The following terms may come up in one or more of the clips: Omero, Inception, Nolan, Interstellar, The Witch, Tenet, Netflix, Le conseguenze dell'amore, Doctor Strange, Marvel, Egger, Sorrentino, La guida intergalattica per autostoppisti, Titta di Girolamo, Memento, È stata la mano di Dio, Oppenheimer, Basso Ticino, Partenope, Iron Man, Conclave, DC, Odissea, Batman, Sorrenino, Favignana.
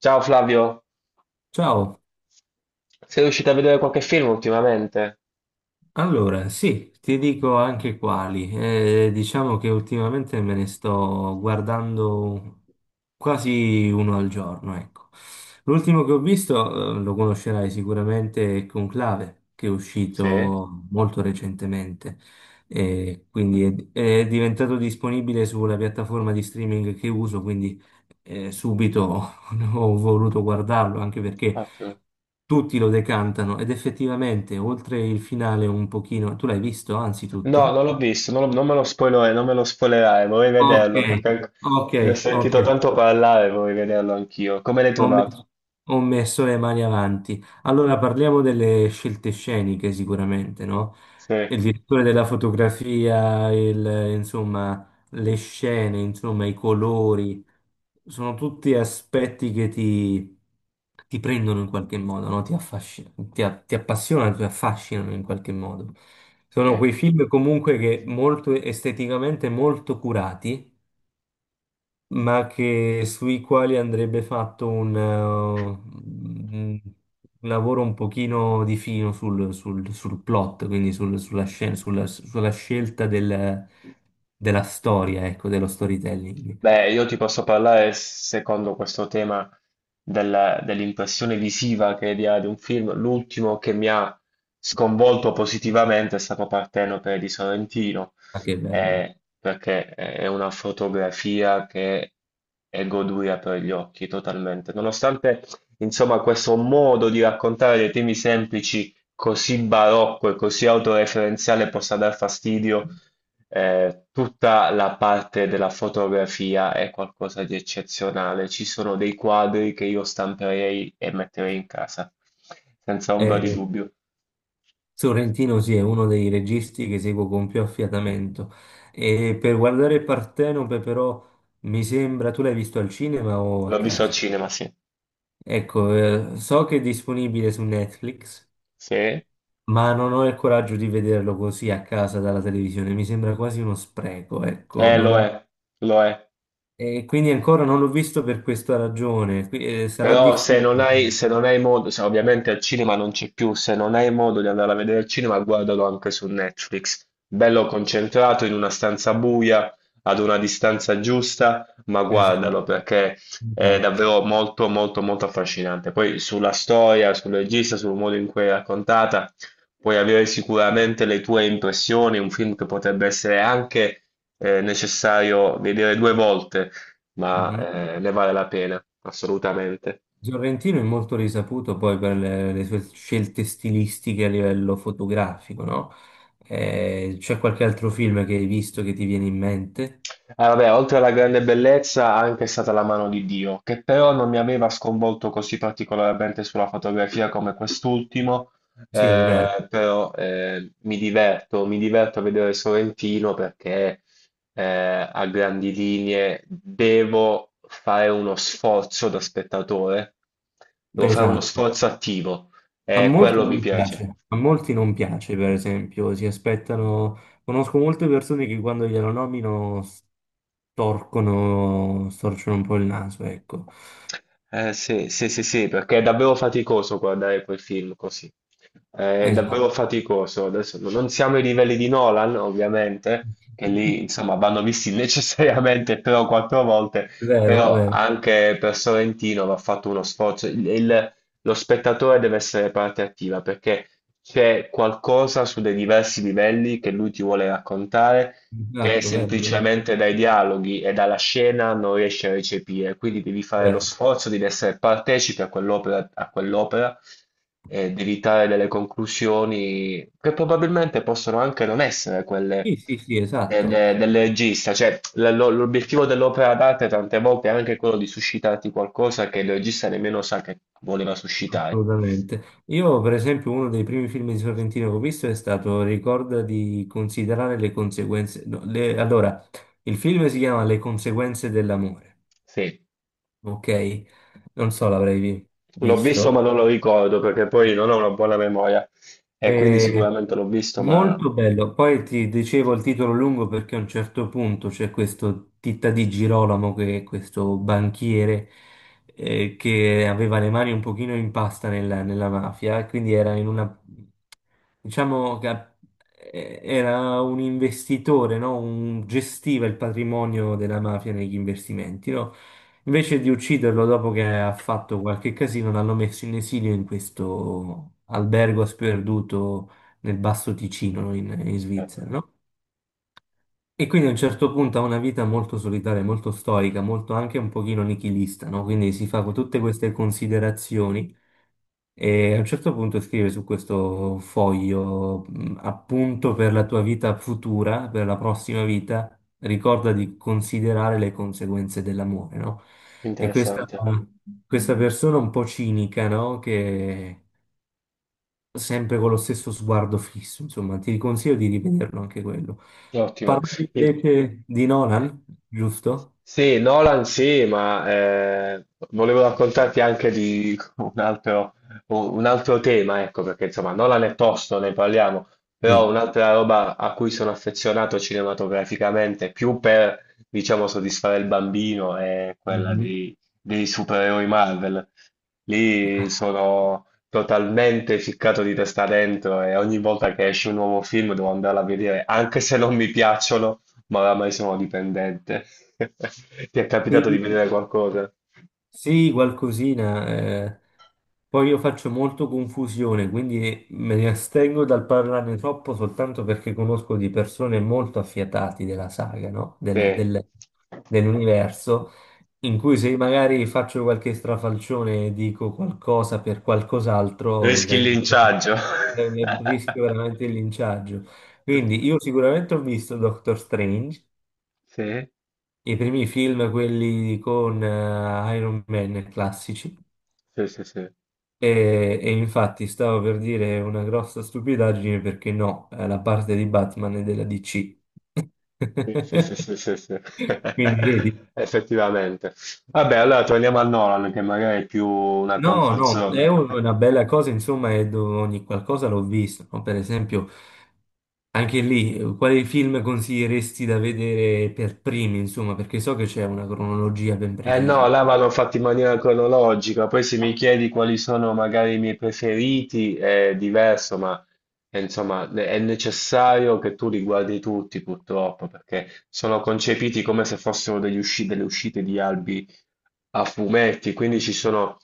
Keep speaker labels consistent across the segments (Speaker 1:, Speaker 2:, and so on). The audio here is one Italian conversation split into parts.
Speaker 1: Ciao Flavio,
Speaker 2: Ciao,
Speaker 1: sei riuscito a vedere qualche film ultimamente?
Speaker 2: allora sì, ti dico anche quali. Diciamo che ultimamente me ne sto guardando quasi uno al giorno, ecco. L'ultimo che ho visto, lo conoscerai sicuramente, è Conclave, che è
Speaker 1: Sì,
Speaker 2: uscito molto recentemente. E quindi è diventato disponibile sulla piattaforma di streaming che uso, quindi subito ho voluto guardarlo anche perché
Speaker 1: ottimo.
Speaker 2: tutti lo decantano ed effettivamente oltre il finale un pochino, tu l'hai visto
Speaker 1: No,
Speaker 2: anzitutto?
Speaker 1: non l'ho visto, non me lo spoilerare, non me lo spoilerai, vorrei
Speaker 2: Ok,
Speaker 1: vederlo perché
Speaker 2: ok,
Speaker 1: ne ho
Speaker 2: ok.
Speaker 1: sentito tanto parlare, vorrei vederlo anch'io. Come l'hai
Speaker 2: Ho
Speaker 1: trovato?
Speaker 2: messo, ho messo le mani avanti. Allora parliamo delle scelte sceniche sicuramente, no?
Speaker 1: Sì.
Speaker 2: Il direttore della fotografia, insomma, le scene, insomma, i colori, sono tutti aspetti ti prendono in qualche modo, no? Ti appassionano, ti affascinano in qualche modo. Sono
Speaker 1: Sì.
Speaker 2: quei film comunque che molto esteticamente molto curati ma che, sui quali andrebbe fatto un lavoro un pochino di fino sul plot, quindi sulla scelta della storia, ecco, dello storytelling.
Speaker 1: Beh, io ti posso parlare secondo questo tema dell'impressione visiva che dia ad un film. L'ultimo che mi ha sconvolto positivamente è stato Partenope di Sorrentino,
Speaker 2: Ma che bello.
Speaker 1: perché è una fotografia che è goduria per gli occhi totalmente. Nonostante, insomma, questo modo di raccontare dei temi semplici così barocco e così autoreferenziale possa dar fastidio. Tutta la parte della fotografia è qualcosa di eccezionale. Ci sono dei quadri che io stamperei e metterei in casa, senza ombra di
Speaker 2: Eh,
Speaker 1: dubbio.
Speaker 2: Sorrentino sì, è uno dei registi che seguo con più affiatamento. E per guardare Partenope però mi sembra, tu l'hai visto al cinema o a
Speaker 1: L'ho visto al
Speaker 2: casa?
Speaker 1: cinema, sì.
Speaker 2: Ecco, so che è disponibile su Netflix.
Speaker 1: Sì? Eh,
Speaker 2: Ma non ho il coraggio di vederlo così a casa dalla televisione, mi sembra quasi uno spreco, ecco.
Speaker 1: lo
Speaker 2: non-
Speaker 1: è, lo è.
Speaker 2: E quindi ancora non l'ho visto per questa ragione. Qui- sarà
Speaker 1: Però se non
Speaker 2: difficile.
Speaker 1: hai, se non hai modo, se ovviamente al cinema non c'è più, se non hai modo di andare a vedere il cinema, guardalo anche su Netflix. Bello concentrato in una stanza buia, ad una distanza giusta, ma
Speaker 2: Esatto,
Speaker 1: guardalo perché è
Speaker 2: esatto.
Speaker 1: davvero molto, molto, molto affascinante. Poi sulla storia, sul regista, sul modo in cui è raccontata, puoi avere sicuramente le tue impressioni, un film che potrebbe essere anche necessario vedere 2 volte, ma
Speaker 2: Mhm.
Speaker 1: ne vale la pena, assolutamente.
Speaker 2: Sorrentino è molto risaputo poi per le sue scelte stilistiche a livello fotografico, no? C'è qualche altro film che hai visto che ti viene in mente?
Speaker 1: Ah, vabbè, oltre alla grande bellezza, anche è stata la mano di Dio, che però non mi aveva sconvolto così particolarmente sulla fotografia come quest'ultimo,
Speaker 2: Sì, è vero.
Speaker 1: però mi diverto a vedere Sorrentino perché a grandi linee devo fare uno sforzo da spettatore, devo fare uno
Speaker 2: Esatto.
Speaker 1: sforzo attivo
Speaker 2: A
Speaker 1: e
Speaker 2: molti
Speaker 1: quello mi
Speaker 2: non
Speaker 1: piace.
Speaker 2: piace, a molti non piace, per esempio, si aspettano, conosco molte persone che quando glielo nomino storcono un po' il naso, ecco.
Speaker 1: Sì, sì, sì, sì, perché è davvero faticoso guardare quel film così. È davvero
Speaker 2: Esatto.
Speaker 1: faticoso. Adesso non siamo ai livelli di Nolan, ovviamente, che lì, insomma, vanno visti necessariamente 3 o 4 volte,
Speaker 2: Vero,
Speaker 1: però
Speaker 2: vero,
Speaker 1: anche per Sorrentino va fatto uno sforzo. Lo spettatore deve essere parte attiva perché c'è qualcosa su dei diversi livelli che lui ti vuole raccontare, che
Speaker 2: esatto, vero, verissimo,
Speaker 1: semplicemente dai dialoghi e dalla scena non riesci a recepire, quindi devi fare lo
Speaker 2: vero.
Speaker 1: sforzo di essere partecipe a quell'opera e devi trarre delle conclusioni che probabilmente possono anche non essere quelle
Speaker 2: Sì, sì, sì, esatto,
Speaker 1: del regista, cioè l'obiettivo dell'opera d'arte tante volte è anche quello di suscitarti qualcosa che il regista nemmeno sa che voleva suscitare.
Speaker 2: assolutamente. Io, per esempio, uno dei primi film di Sorrentino che ho visto è stato Ricorda di considerare le conseguenze. No, le- allora, il film si chiama Le conseguenze dell'amore.
Speaker 1: Sì,
Speaker 2: Ok, non so, l'avrei vi-
Speaker 1: l'ho visto ma
Speaker 2: visto.
Speaker 1: non lo ricordo perché poi non ho una buona memoria. E quindi
Speaker 2: E...
Speaker 1: sicuramente l'ho visto, ma
Speaker 2: Molto bello. Poi ti dicevo il titolo lungo perché a un certo punto c'è questo Titta di Girolamo, che è questo banchiere che aveva le mani un pochino in pasta nella mafia, e quindi era in una, diciamo che a- era un investitore, no? Un, gestiva il patrimonio della mafia negli investimenti, no? Invece di ucciderlo dopo che ha fatto qualche casino, l'hanno messo in esilio in questo albergo sperduto nel Basso Ticino, in
Speaker 1: certo,
Speaker 2: Svizzera, no? E quindi a un certo punto ha una vita molto solitaria, molto stoica, molto anche un pochino nichilista, no? Quindi si fa
Speaker 1: sì.
Speaker 2: tutte queste considerazioni e a un certo punto scrive su questo foglio, appunto per la tua vita futura, per la prossima vita, ricorda di considerare le conseguenze dell'amore, no? E
Speaker 1: Interessante,
Speaker 2: questa persona un po' cinica, no? Che sempre con lo stesso sguardo fisso, insomma, ti consiglio di rivederlo anche quello.
Speaker 1: ottimo.
Speaker 2: Parlavi
Speaker 1: E-
Speaker 2: invece di
Speaker 1: eh,
Speaker 2: Nolan, giusto?
Speaker 1: Sì, Nolan sì, ma volevo raccontarti anche di un altro, tema, ecco, perché insomma Nolan è tosto, ne parliamo, però
Speaker 2: Sì.
Speaker 1: un'altra roba a cui sono affezionato cinematograficamente, più per, diciamo, soddisfare il bambino, è quella
Speaker 2: Mhm.
Speaker 1: di dei supereroi Marvel. Lì sono totalmente ficcato di testa dentro e ogni volta che esce un nuovo film devo andarla a vedere, anche se non mi piacciono, ma oramai sono dipendente. Ti è capitato di
Speaker 2: Sì, sì,
Speaker 1: vedere qualcosa?
Speaker 2: Sì, qualcosina. Poi io faccio molto confusione, quindi me ne astengo dal parlarne troppo soltanto perché conosco di persone molto affiatati della saga, no?
Speaker 1: Sì.
Speaker 2: Dell'universo, in cui se magari faccio qualche strafalcione e dico qualcosa per qualcos'altro,
Speaker 1: Rischi il
Speaker 2: vengo...
Speaker 1: linciaggio.
Speaker 2: ne rischio veramente il linciaggio. Quindi io sicuramente ho visto Doctor Strange,
Speaker 1: Sì,
Speaker 2: i primi film, quelli con Iron Man classici.
Speaker 1: sì, sì, sì.
Speaker 2: E infatti stavo per dire una grossa stupidaggine perché no, la parte di Batman è della DC.
Speaker 1: Sì, sì, sì, sì, sì, sì.
Speaker 2: Quindi vedi,
Speaker 1: Effettivamente. Vabbè, allora torniamo a Nolan, che magari è più una
Speaker 2: no,
Speaker 1: comfort
Speaker 2: no, è
Speaker 1: zone.
Speaker 2: una bella cosa, insomma, e dove ogni qualcosa l'ho visto, no? Per esempio, anche lì, quali film consiglieresti da vedere per primi, insomma, perché so che c'è una cronologia ben
Speaker 1: Eh no,
Speaker 2: precisa.
Speaker 1: là vanno fatti in maniera cronologica, poi se mi chiedi quali sono magari i miei preferiti è diverso, ma insomma, è necessario che tu li guardi tutti purtroppo, perché sono concepiti come se fossero degli delle uscite di albi a fumetti, quindi ci sono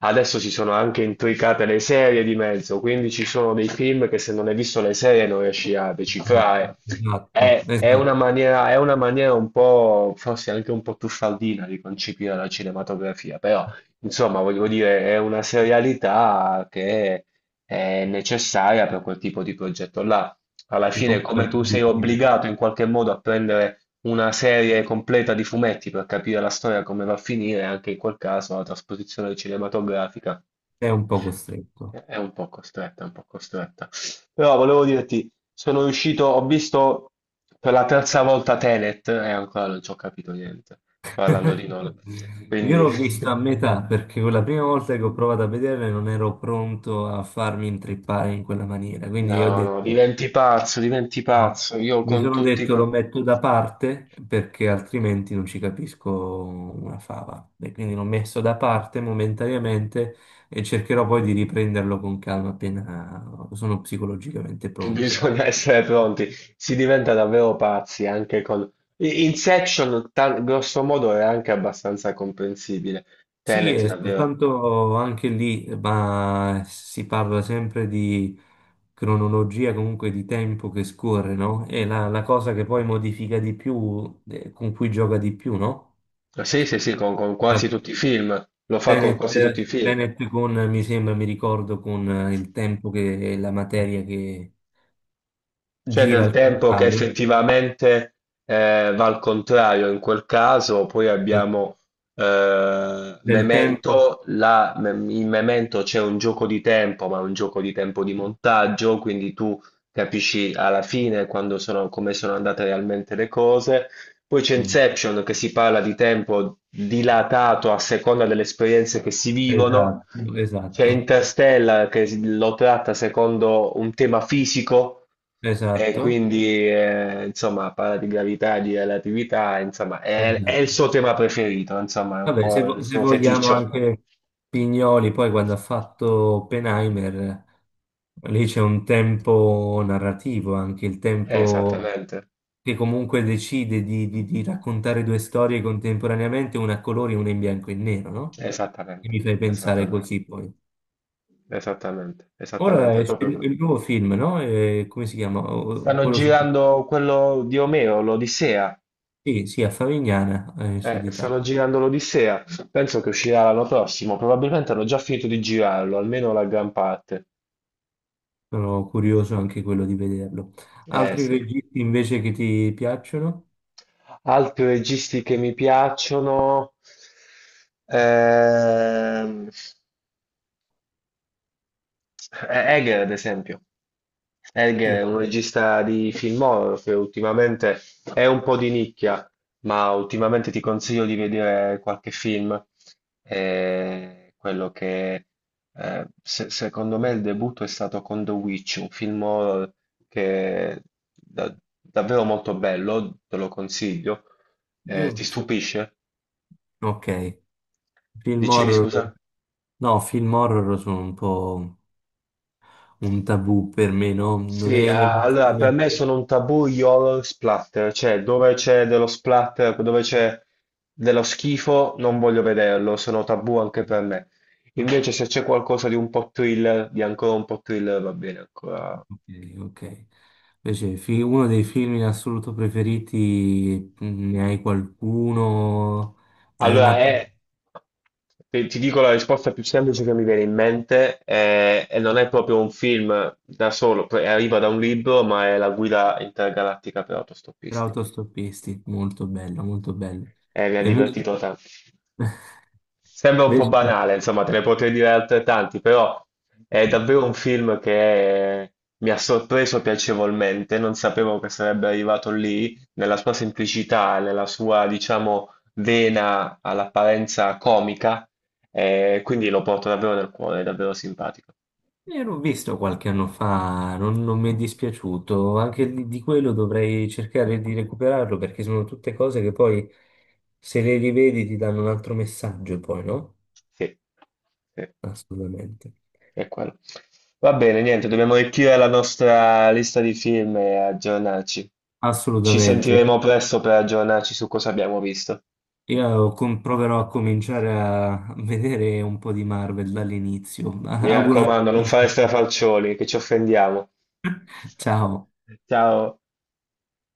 Speaker 1: adesso ci sono anche intricate le serie di mezzo, quindi ci sono dei film che se non hai visto le serie non riesci a
Speaker 2: Esatto,
Speaker 1: decifrare.
Speaker 2: esatto,
Speaker 1: È, è
Speaker 2: esatto,
Speaker 1: una maniera, è una maniera un po', forse anche un po' truffaldina di concepire la cinematografia, però insomma, voglio dire, è una serialità che è necessaria per quel tipo di progetto là. Alla
Speaker 2: che
Speaker 1: fine,
Speaker 2: comunque
Speaker 1: come
Speaker 2: il
Speaker 1: tu sei
Speaker 2: pubblico
Speaker 1: obbligato in qualche modo a prendere una serie completa di fumetti per capire la storia come va a finire, anche in quel caso la trasposizione cinematografica
Speaker 2: è un po' costretto.
Speaker 1: è un po' costretta, è un po' costretta. Però volevo dirti, sono riuscito, ho visto per la terza volta Tenet e ancora non ci ho capito niente, parlando di Nolan.
Speaker 2: Io
Speaker 1: Quindi,
Speaker 2: l'ho vista a metà perché quella prima volta che ho provato a vederla non ero pronto a farmi intrippare in quella maniera, quindi io ho
Speaker 1: no, no,
Speaker 2: detto,
Speaker 1: diventi
Speaker 2: no.
Speaker 1: pazzo, io
Speaker 2: Mi
Speaker 1: con
Speaker 2: sono
Speaker 1: tutti.
Speaker 2: detto lo metto da parte perché altrimenti non ci capisco una fava. E quindi l'ho messo da parte momentaneamente e cercherò poi di riprenderlo con calma appena sono psicologicamente pronto.
Speaker 1: Bisogna essere pronti, si diventa davvero pazzi anche con Inception, grosso modo, è anche abbastanza comprensibile.
Speaker 2: Sì,
Speaker 1: Tenet,
Speaker 2: e
Speaker 1: davvero.
Speaker 2: soltanto anche lì, ma si parla sempre di cronologia, comunque di tempo che scorre, no? È la cosa che poi modifica di più, con cui gioca di più, no?
Speaker 1: Sì, sì, sì, con
Speaker 2: La
Speaker 1: quasi tutti i film, lo fa con
Speaker 2: Tenet,
Speaker 1: quasi tutti i film.
Speaker 2: Tenet con, mi sembra, mi ricordo, con il tempo che è la materia che
Speaker 1: C'è
Speaker 2: gira
Speaker 1: del
Speaker 2: al
Speaker 1: tempo che
Speaker 2: contrario,
Speaker 1: effettivamente va al contrario in quel caso, poi
Speaker 2: eh,
Speaker 1: abbiamo
Speaker 2: del tempo.
Speaker 1: Memento, in Memento c'è un gioco di tempo, ma un gioco di tempo di montaggio, quindi tu capisci alla fine come sono andate realmente le cose. Poi c'è
Speaker 2: Mm,
Speaker 1: Inception che si parla di tempo dilatato a seconda delle esperienze che si vivono,
Speaker 2: Esatto,
Speaker 1: c'è
Speaker 2: esatto,
Speaker 1: Interstellar che lo tratta secondo un tema fisico, e
Speaker 2: esatto,
Speaker 1: quindi insomma parla di gravità, di relatività, insomma è
Speaker 2: esatto.
Speaker 1: il suo tema preferito, insomma è un
Speaker 2: Vabbè, se,
Speaker 1: po' il
Speaker 2: vo- se
Speaker 1: suo
Speaker 2: vogliamo
Speaker 1: feticcio.
Speaker 2: anche Pignoli, poi quando ha fatto Oppenheimer, lì c'è un tempo narrativo, anche il
Speaker 1: Eh,
Speaker 2: tempo
Speaker 1: Esattamente,
Speaker 2: che comunque decide di, di raccontare due storie contemporaneamente, una a colori e una in bianco e nero, no? E
Speaker 1: esattamente,
Speaker 2: mi fai pensare
Speaker 1: esattamente,
Speaker 2: così poi.
Speaker 1: esattamente,
Speaker 2: Ora
Speaker 1: esattamente, è
Speaker 2: esce
Speaker 1: proprio
Speaker 2: il
Speaker 1: quello.
Speaker 2: il nuovo film, no? Come si chiama? O-
Speaker 1: Stanno
Speaker 2: Quello su...
Speaker 1: girando quello di Omero, l'Odissea.
Speaker 2: Sì, sì, a Favignana,
Speaker 1: Eh,
Speaker 2: Sud Italia.
Speaker 1: stanno girando l'Odissea, penso che uscirà l'anno prossimo, probabilmente hanno già finito di girarlo, almeno la gran parte.
Speaker 2: Sono curioso anche quello di vederlo. Altri
Speaker 1: Sì.
Speaker 2: registi invece che ti piacciono?
Speaker 1: Altri registi che mi piacciono, ehm, Eh, Egger, ad esempio. Egger è
Speaker 2: Sì,
Speaker 1: un regista di film horror che ultimamente è un po' di nicchia, ma ultimamente ti consiglio di vedere qualche film. Quello che se- secondo me il debutto è stato con The Witch, un film horror che è da- davvero molto bello, te lo consiglio. Ti
Speaker 2: io-
Speaker 1: stupisce?
Speaker 2: Ok, film
Speaker 1: Dicevi
Speaker 2: horror,
Speaker 1: scusa?
Speaker 2: no, film horror sono un po' un tabù per me, no? Non
Speaker 1: Sì,
Speaker 2: è
Speaker 1: allora per
Speaker 2: l'emozione.
Speaker 1: me sono un tabù gli horror splatter, cioè dove c'è dello splatter, dove c'è dello schifo, non voglio vederlo, sono tabù anche per me. Invece se c'è qualcosa di un po' thriller, di ancora un po' thriller, va bene ancora.
Speaker 2: Ok, ok. Invece, fi- uno dei film in assoluto preferiti, mm, ne hai qualcuno? Hai
Speaker 1: Allora,
Speaker 2: una
Speaker 1: ti dico la risposta più semplice che mi viene in mente, e non è proprio un film da solo, poi arriva da un libro, ma è La guida intergalattica per
Speaker 2: per
Speaker 1: autostoppisti.
Speaker 2: autostoppisti, molto bello, molto bello.
Speaker 1: E mi ha
Speaker 2: E invece,
Speaker 1: divertito tanto. Sembra un po'
Speaker 2: invece
Speaker 1: banale, insomma, te ne potrei dire altrettanti, però è davvero un film che mi ha sorpreso piacevolmente. Non sapevo che sarebbe arrivato lì, nella sua semplicità, nella sua, diciamo, vena all'apparenza comica, e quindi lo porto davvero nel cuore, è davvero simpatico.
Speaker 2: Io l'ho visto qualche anno fa, non, non mi è dispiaciuto, anche di quello dovrei cercare di recuperarlo perché sono tutte cose che poi se le rivedi ti danno un altro messaggio poi, no?
Speaker 1: Sì, sì,
Speaker 2: Assolutamente.
Speaker 1: è quello. Va bene, niente, dobbiamo arricchire la nostra lista di film e aggiornarci. Ci
Speaker 2: Assolutamente.
Speaker 1: sentiremo
Speaker 2: Ecco,
Speaker 1: presto per aggiornarci su cosa abbiamo visto.
Speaker 2: Io com- proverò a cominciare a vedere un po' di Marvel dall'inizio.
Speaker 1: Mi
Speaker 2: Auguro.
Speaker 1: raccomando, non fare strafalcioni, che ci offendiamo.
Speaker 2: Ciao.
Speaker 1: Ciao.